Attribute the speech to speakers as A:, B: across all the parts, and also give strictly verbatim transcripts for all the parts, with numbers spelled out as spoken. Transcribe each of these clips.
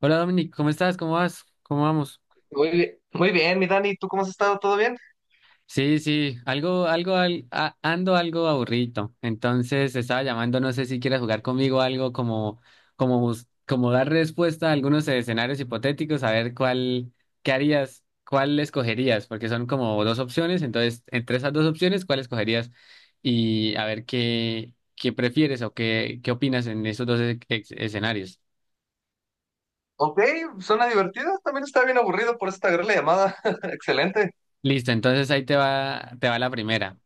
A: Hola Dominic, ¿cómo estás? ¿Cómo vas? ¿Cómo vamos?
B: Muy bien, muy bien, mi Dani, ¿tú cómo has estado? ¿Todo bien?
A: Sí, sí, algo, algo, al- a- ando algo aburrido. Entonces estaba llamando, no sé si quieres jugar conmigo algo como, como, bus- como dar respuesta a algunos escenarios hipotéticos, a ver cuál, qué harías, cuál escogerías, porque son como dos opciones. Entonces, entre esas dos opciones, ¿cuál escogerías? Y a ver qué, qué prefieres o qué, qué opinas en esos dos e- ex- escenarios.
B: Ok, suena divertido, también está bien aburrido, por esta gran la llamada. Excelente.
A: Listo, entonces ahí te va, te va la primera.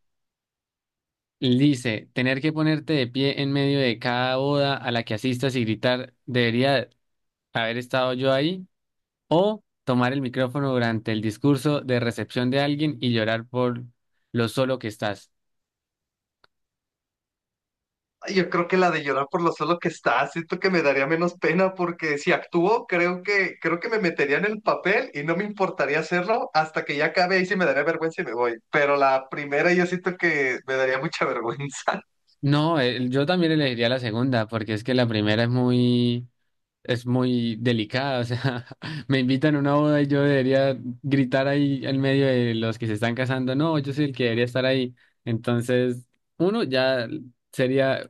A: Lice, tener que ponerte de pie en medio de cada boda a la que asistas y gritar, ¿debería haber estado yo ahí? O tomar el micrófono durante el discurso de recepción de alguien y llorar por lo solo que estás.
B: Ay, yo creo que la de llorar por lo solo que está, siento que me daría menos pena porque si actúo, creo que, creo que me metería en el papel y no me importaría hacerlo hasta que ya acabe y sí me daría vergüenza y me voy. Pero la primera yo siento que me daría mucha vergüenza.
A: No, eh, yo también elegiría la segunda, porque es que la primera es muy, es muy delicada. O sea, me invitan a una boda y yo debería gritar ahí en medio de los que se están casando. No, yo soy el que debería estar ahí. Entonces, uno ya sería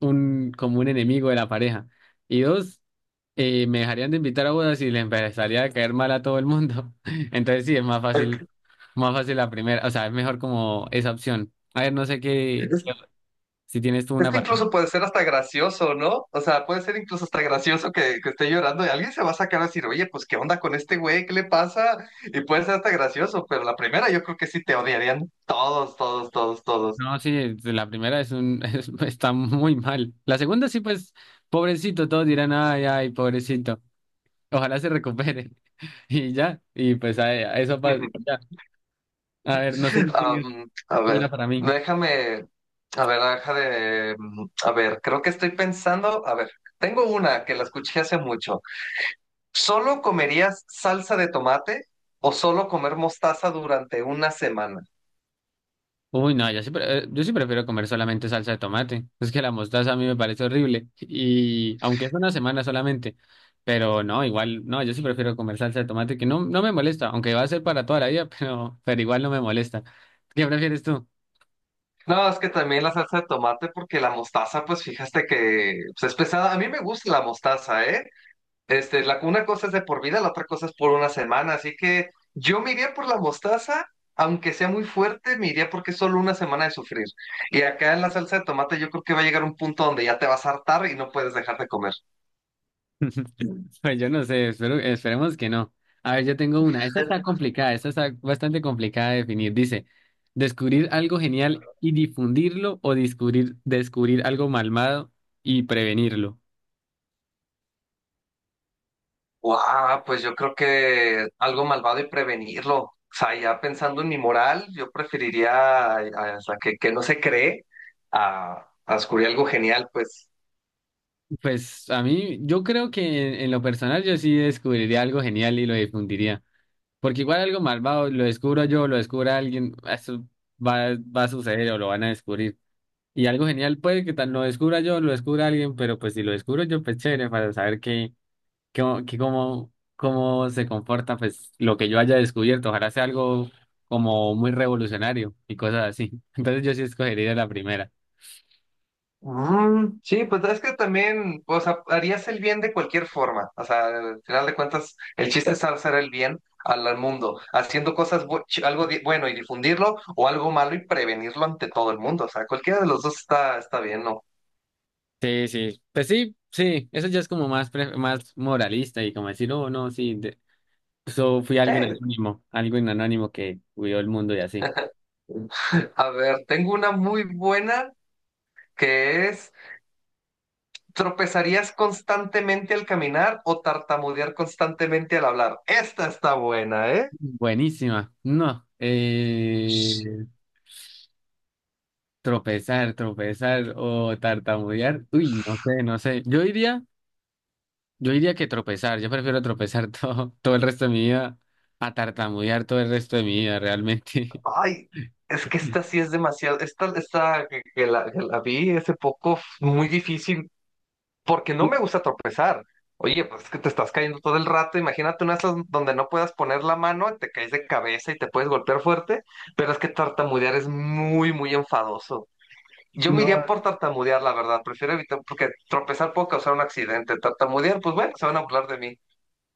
A: un, como un enemigo de la pareja. Y dos, eh, me dejarían de invitar a bodas y le empezaría a caer mal a todo el mundo. Entonces sí, es más fácil, más fácil la primera, o sea, es mejor como esa opción. A ver, no sé qué,
B: Es que-
A: si tienes tú
B: Es
A: una
B: que
A: para mí.
B: incluso puede ser hasta gracioso, ¿no? O sea, puede ser incluso hasta gracioso que, que esté llorando y alguien se va a sacar a decir, oye, pues, ¿qué onda con este güey? ¿Qué le pasa? Y puede ser hasta gracioso, pero la primera yo creo que sí te odiarían todos, todos, todos, todos.
A: No, sí, la primera es un, es- está muy mal. La segunda sí, pues, pobrecito, todos dirán, ay, ay, pobrecito. Ojalá se recupere. Y ya, y pues a, a eso pasa. Ya. A ver, no sé si tengas
B: Am, a
A: una
B: ver,
A: para mí.
B: déjame, a ver, deja de, a ver, creo que estoy pensando, a ver, tengo una que la escuché hace mucho. ¿Solo comerías salsa de tomate o solo comer mostaza durante una semana?
A: Uy, no, yo sí, pre- eh, yo sí prefiero comer solamente salsa de tomate. Es que la mostaza a mí me parece horrible. Y aunque es una semana solamente, pero no, igual, no, yo sí prefiero comer salsa de tomate que no, no me molesta, aunque va a ser para toda la vida, pero, pero igual no me molesta. ¿Qué prefieres tú?
B: No, es que también la salsa de tomate, porque la mostaza, pues fíjate que pues, es pesada. A mí me gusta la mostaza, ¿eh? Este, la, una cosa es de por vida, la otra cosa es por una semana. Así que yo me iría por la mostaza, aunque sea muy fuerte, me iría porque es solo una semana de sufrir. Y acá en la salsa de tomate, yo creo que va a llegar un punto donde ya te vas a hartar y no puedes dejar de comer.
A: Pues yo no sé, espero, esperemos que no. A ver, yo tengo una. Esta está complicada, esta está bastante complicada de definir. Dice, descubrir algo genial y difundirlo o descubrir, descubrir algo malvado y prevenirlo.
B: Guau, pues yo creo que algo malvado y prevenirlo. O sea, ya pensando en mi moral, yo preferiría a, a- o sea, que, que no se cree a, a descubrir algo genial, pues.
A: Pues a mí, yo creo que en, en lo personal yo sí descubriría algo genial y lo difundiría. Porque igual algo malvado, lo descubro yo, lo descubra alguien, eso va, va a suceder o lo van a descubrir. Y algo genial puede que tal lo descubra yo, lo descubra alguien, pero pues si lo descubro yo, pues chévere, para saber que, que, que cómo, cómo se comporta pues lo que yo haya descubierto. Ojalá sea algo como muy revolucionario y cosas así. Entonces yo sí escogería la primera.
B: Mm, sí, pues es que también, o sea, harías el bien de cualquier forma. O sea, al final de cuentas, el chiste es hacer el bien al, al mundo, haciendo cosas, bu- ch- algo di- bueno y difundirlo, o algo malo y prevenirlo ante todo el mundo. O sea, cualquiera de los dos está, está bien, ¿no?
A: Sí, sí, pues sí, sí, eso ya es como más, pre- más moralista y como decir, oh, no, sí, de- so fui alguien
B: Sí.
A: anónimo, alguien anónimo que cuidó el mundo y así.
B: A ver, tengo una muy buena. Que es tropezarías constantemente al caminar o tartamudear constantemente al hablar. Esta está buena, ¿eh?
A: Buenísima, no, eh, tropezar, tropezar o tartamudear, uy, no sé, no sé, yo diría, yo diría que tropezar, yo prefiero tropezar todo, todo el resto de mi vida a tartamudear todo el resto de mi vida, realmente.
B: Ay, es que esta sí es demasiado, esta, esta que, que la, que la vi hace poco, muy difícil, porque no me gusta tropezar. Oye, pues es que te estás cayendo todo el rato, imagínate una de esas donde no puedas poner la mano, te caes de cabeza y te puedes golpear fuerte, pero es que tartamudear es muy, muy enfadoso. Yo me
A: No,
B: iría por tartamudear, la verdad. Prefiero evitar, porque tropezar puede causar un accidente. Tartamudear, pues bueno, se van a hablar de mí.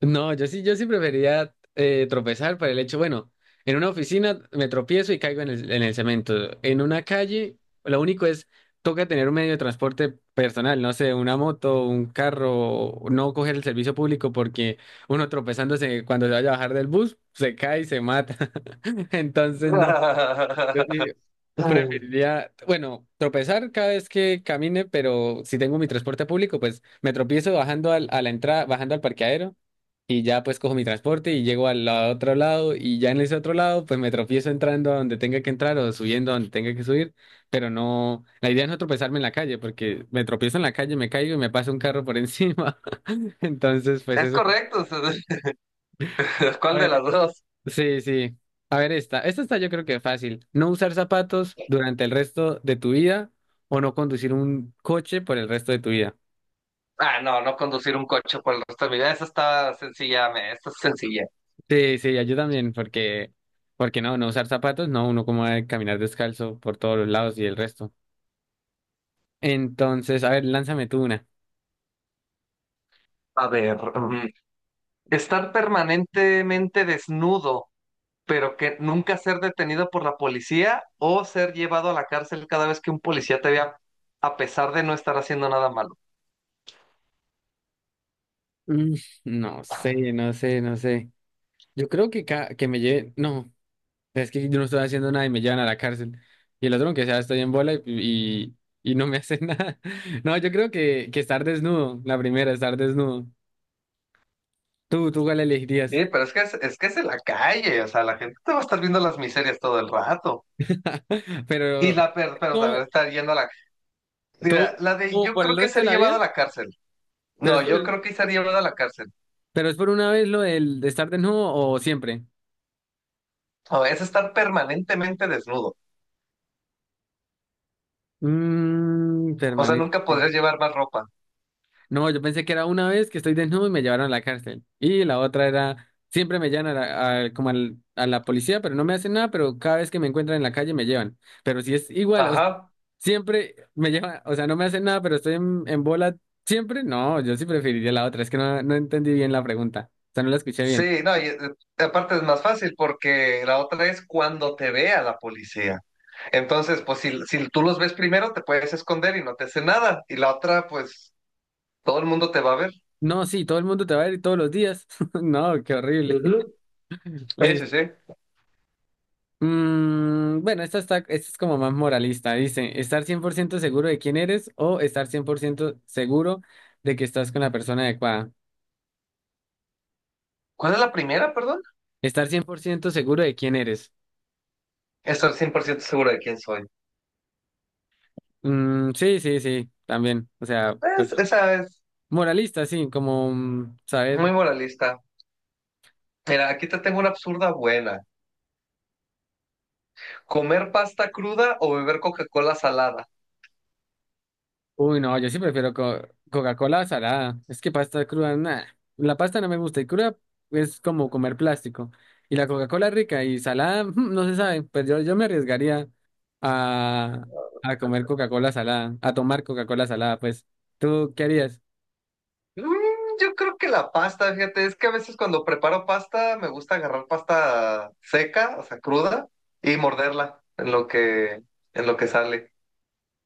A: no, yo sí, yo sí preferiría eh, tropezar para el hecho, bueno, en una oficina me tropiezo y caigo en el, en el cemento. En una calle, lo único es, toca tener un medio de transporte personal, no sé, una moto, un carro, no coger el servicio público porque uno tropezándose cuando se vaya a bajar del bus, se cae y se mata. Entonces, no. Yo sí preferiría, bueno, tropezar cada vez que camine, pero si tengo mi transporte público, pues me tropiezo bajando al, a la entrada, bajando al parqueadero y ya pues cojo mi transporte y llego al la- otro lado y ya en ese otro lado pues me tropiezo entrando a donde tenga que entrar o subiendo a donde tenga que subir, pero no, la idea es no tropezarme en la calle porque me tropiezo en la calle, me caigo y me pasa un carro por encima. Entonces pues
B: Es
A: eso.
B: correcto.
A: A
B: ¿Cuál de las
A: ver,
B: dos?
A: sí, sí. A ver esta, esta está yo creo que fácil. No usar zapatos durante el resto de tu vida o no conducir un coche por el resto de tu vida.
B: Ah, no, no conducir un coche por el resto de mi vida. Esa está sencilla, me, esta es sencilla.
A: Sí, sí, yo también, porque, porque no, no usar zapatos, no, uno como va a caminar descalzo por todos los lados y el resto. Entonces, a ver, lánzame tú una.
B: A ver, mm, estar permanentemente desnudo, pero que nunca ser detenido por la policía o ser llevado a la cárcel cada vez que un policía te vea, a pesar de no estar haciendo nada malo.
A: Mm, no sé, no sé, no sé. Yo creo que, ca- que me lleven, no, es que yo no estoy haciendo nada y me llevan a la cárcel. Y el otro, aunque sea, estoy en bola y, y, y no me hacen nada. No, yo creo que, que estar desnudo, la primera, estar desnudo. Tú, tú, ¿cuál elegirías?
B: Sí, pero es que es, es que es en la calle, o sea, la gente te va a estar viendo las miserias todo el rato. Y la
A: Pero,
B: per, pero a
A: ¿todo,
B: ver estar yendo a la. Mira,
A: todo,
B: la de
A: todo
B: yo
A: por el
B: creo que
A: resto de
B: ser
A: la
B: llevado a
A: vida?
B: la cárcel.
A: Pero
B: No,
A: es
B: yo creo que ser llevado a la cárcel.
A: ¿Pero es por una vez lo del de estar desnudo o siempre?
B: No, es estar permanentemente desnudo.
A: Mmm,
B: O sea,
A: permanente.
B: nunca podrías llevar más ropa.
A: No, yo pensé que era una vez que estoy desnudo y me llevaron a la cárcel. Y la otra era, siempre me llevan a la, a- como al- a la policía, pero no me hacen nada, pero cada vez que me encuentran en la calle me llevan. Pero si es igual, o sea,
B: Ajá.
A: siempre me llevan, o sea, no me hacen nada, pero estoy en, en bola siempre. No, yo sí preferiría la otra, es que no, no entendí bien la pregunta, o sea, no la escuché bien.
B: Sí, no, y eh, aparte es más fácil porque la otra es cuando te vea la policía. Entonces, pues si, si tú los ves primero, te puedes esconder y no te hace nada. Y la otra, pues todo el mundo te va a ver.
A: No, sí, todo el mundo te va a ver todos los días. No, qué horrible.
B: Ujú. Sí, sí, sí.
A: Mm, bueno, esta, está, esta es como más moralista. Dice, estar cien por ciento seguro de quién eres o estar cien por ciento seguro de que estás con la persona adecuada.
B: ¿Cuál es la primera, perdón?
A: Estar cien por ciento seguro de quién eres.
B: Estoy cien por ciento seguro de quién soy.
A: Mm, sí, sí, sí, también. O sea, pues,
B: Es- esa es
A: moralista, sí, como mm, saber.
B: muy moralista. Mira, aquí te tengo una absurda buena. ¿Comer pasta cruda o beber Coca-Cola salada?
A: Uy, no, yo sí prefiero co- Coca-Cola salada. Es que pasta cruda, nada. La pasta no me gusta y cruda es como comer plástico. Y la Coca-Cola rica y salada, mm, no se sabe. Pues yo, yo me arriesgaría. a, a comer Coca-Cola salada, a tomar Coca-Cola salada, pues, ¿tú qué harías?
B: Mm, yo creo que la pasta, fíjate, es que a veces cuando preparo pasta me gusta agarrar pasta seca, o sea, cruda, y morderla en lo que, en lo que sale.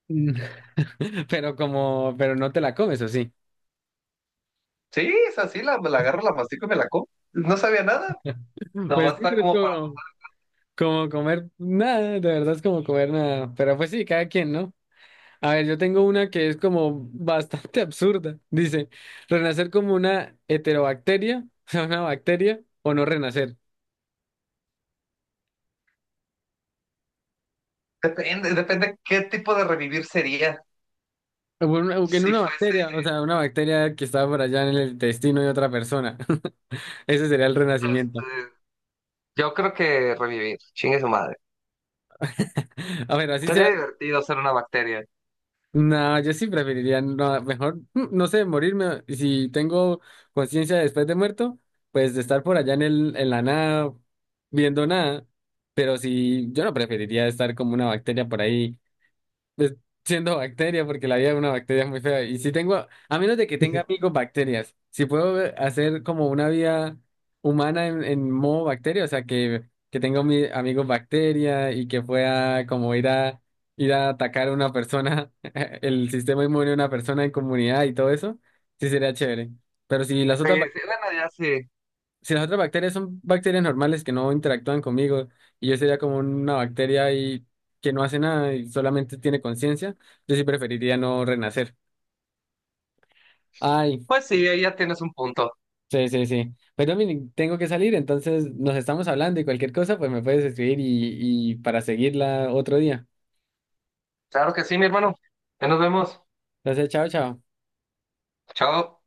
A: Pero como, pero no te la comes, ¿o sí?
B: Sí, es así, la, la agarro, la mastico y me la como. No sabía nada.
A: Pues
B: Nomás
A: sí,
B: está
A: pero es
B: como para...
A: como, como comer nada, de verdad es como comer nada. Pero pues sí, cada quien, ¿no? A ver, yo tengo una que es como bastante absurda. Dice, renacer como una heterobacteria, o sea, una bacteria, o no renacer.
B: Depende, depende qué tipo de revivir sería.
A: O una- o que en
B: Si
A: una
B: fuese
A: bacteria, o sea, una bacteria que está por allá en el intestino de otra persona. Ese sería el renacimiento.
B: este, yo creo que revivir, chingue su madre.
A: A ver, así
B: Sería
A: sea.
B: divertido ser una bacteria.
A: No, yo sí preferiría, no, mejor, mm, no sé, morirme. Si tengo conciencia después de muerto, pues de estar por allá en el, en la nada, viendo nada. Pero si yo no preferiría estar como una bacteria por ahí pues, siendo bacteria, porque la vida de una bacteria es muy fea. Y si tengo, a menos de que tenga amigos bacterias, si puedo ver- hacer como una vida humana en, en modo bacteria, o sea, que, que tenga mi, amigos bacteria y que pueda como ir a, ir a atacar a una persona, el sistema inmune de una persona en comunidad y todo eso, sí sería chévere. Pero si las
B: Sí,
A: otras
B: sí, bueno, ya sí.
A: si las otras bacterias son bacterias normales que no interactúan conmigo y yo sería como una bacteria y que no hace nada y solamente tiene conciencia, yo sí preferiría no renacer. Ay,
B: Pues sí, ahí ya tienes un punto.
A: sí, sí, sí. Pues Dominic, tengo que salir, entonces nos estamos hablando y cualquier cosa, pues me puedes escribir y, y para seguirla otro día.
B: Claro que sí, mi hermano. Ya nos vemos.
A: Entonces, chao, chao.
B: Chao.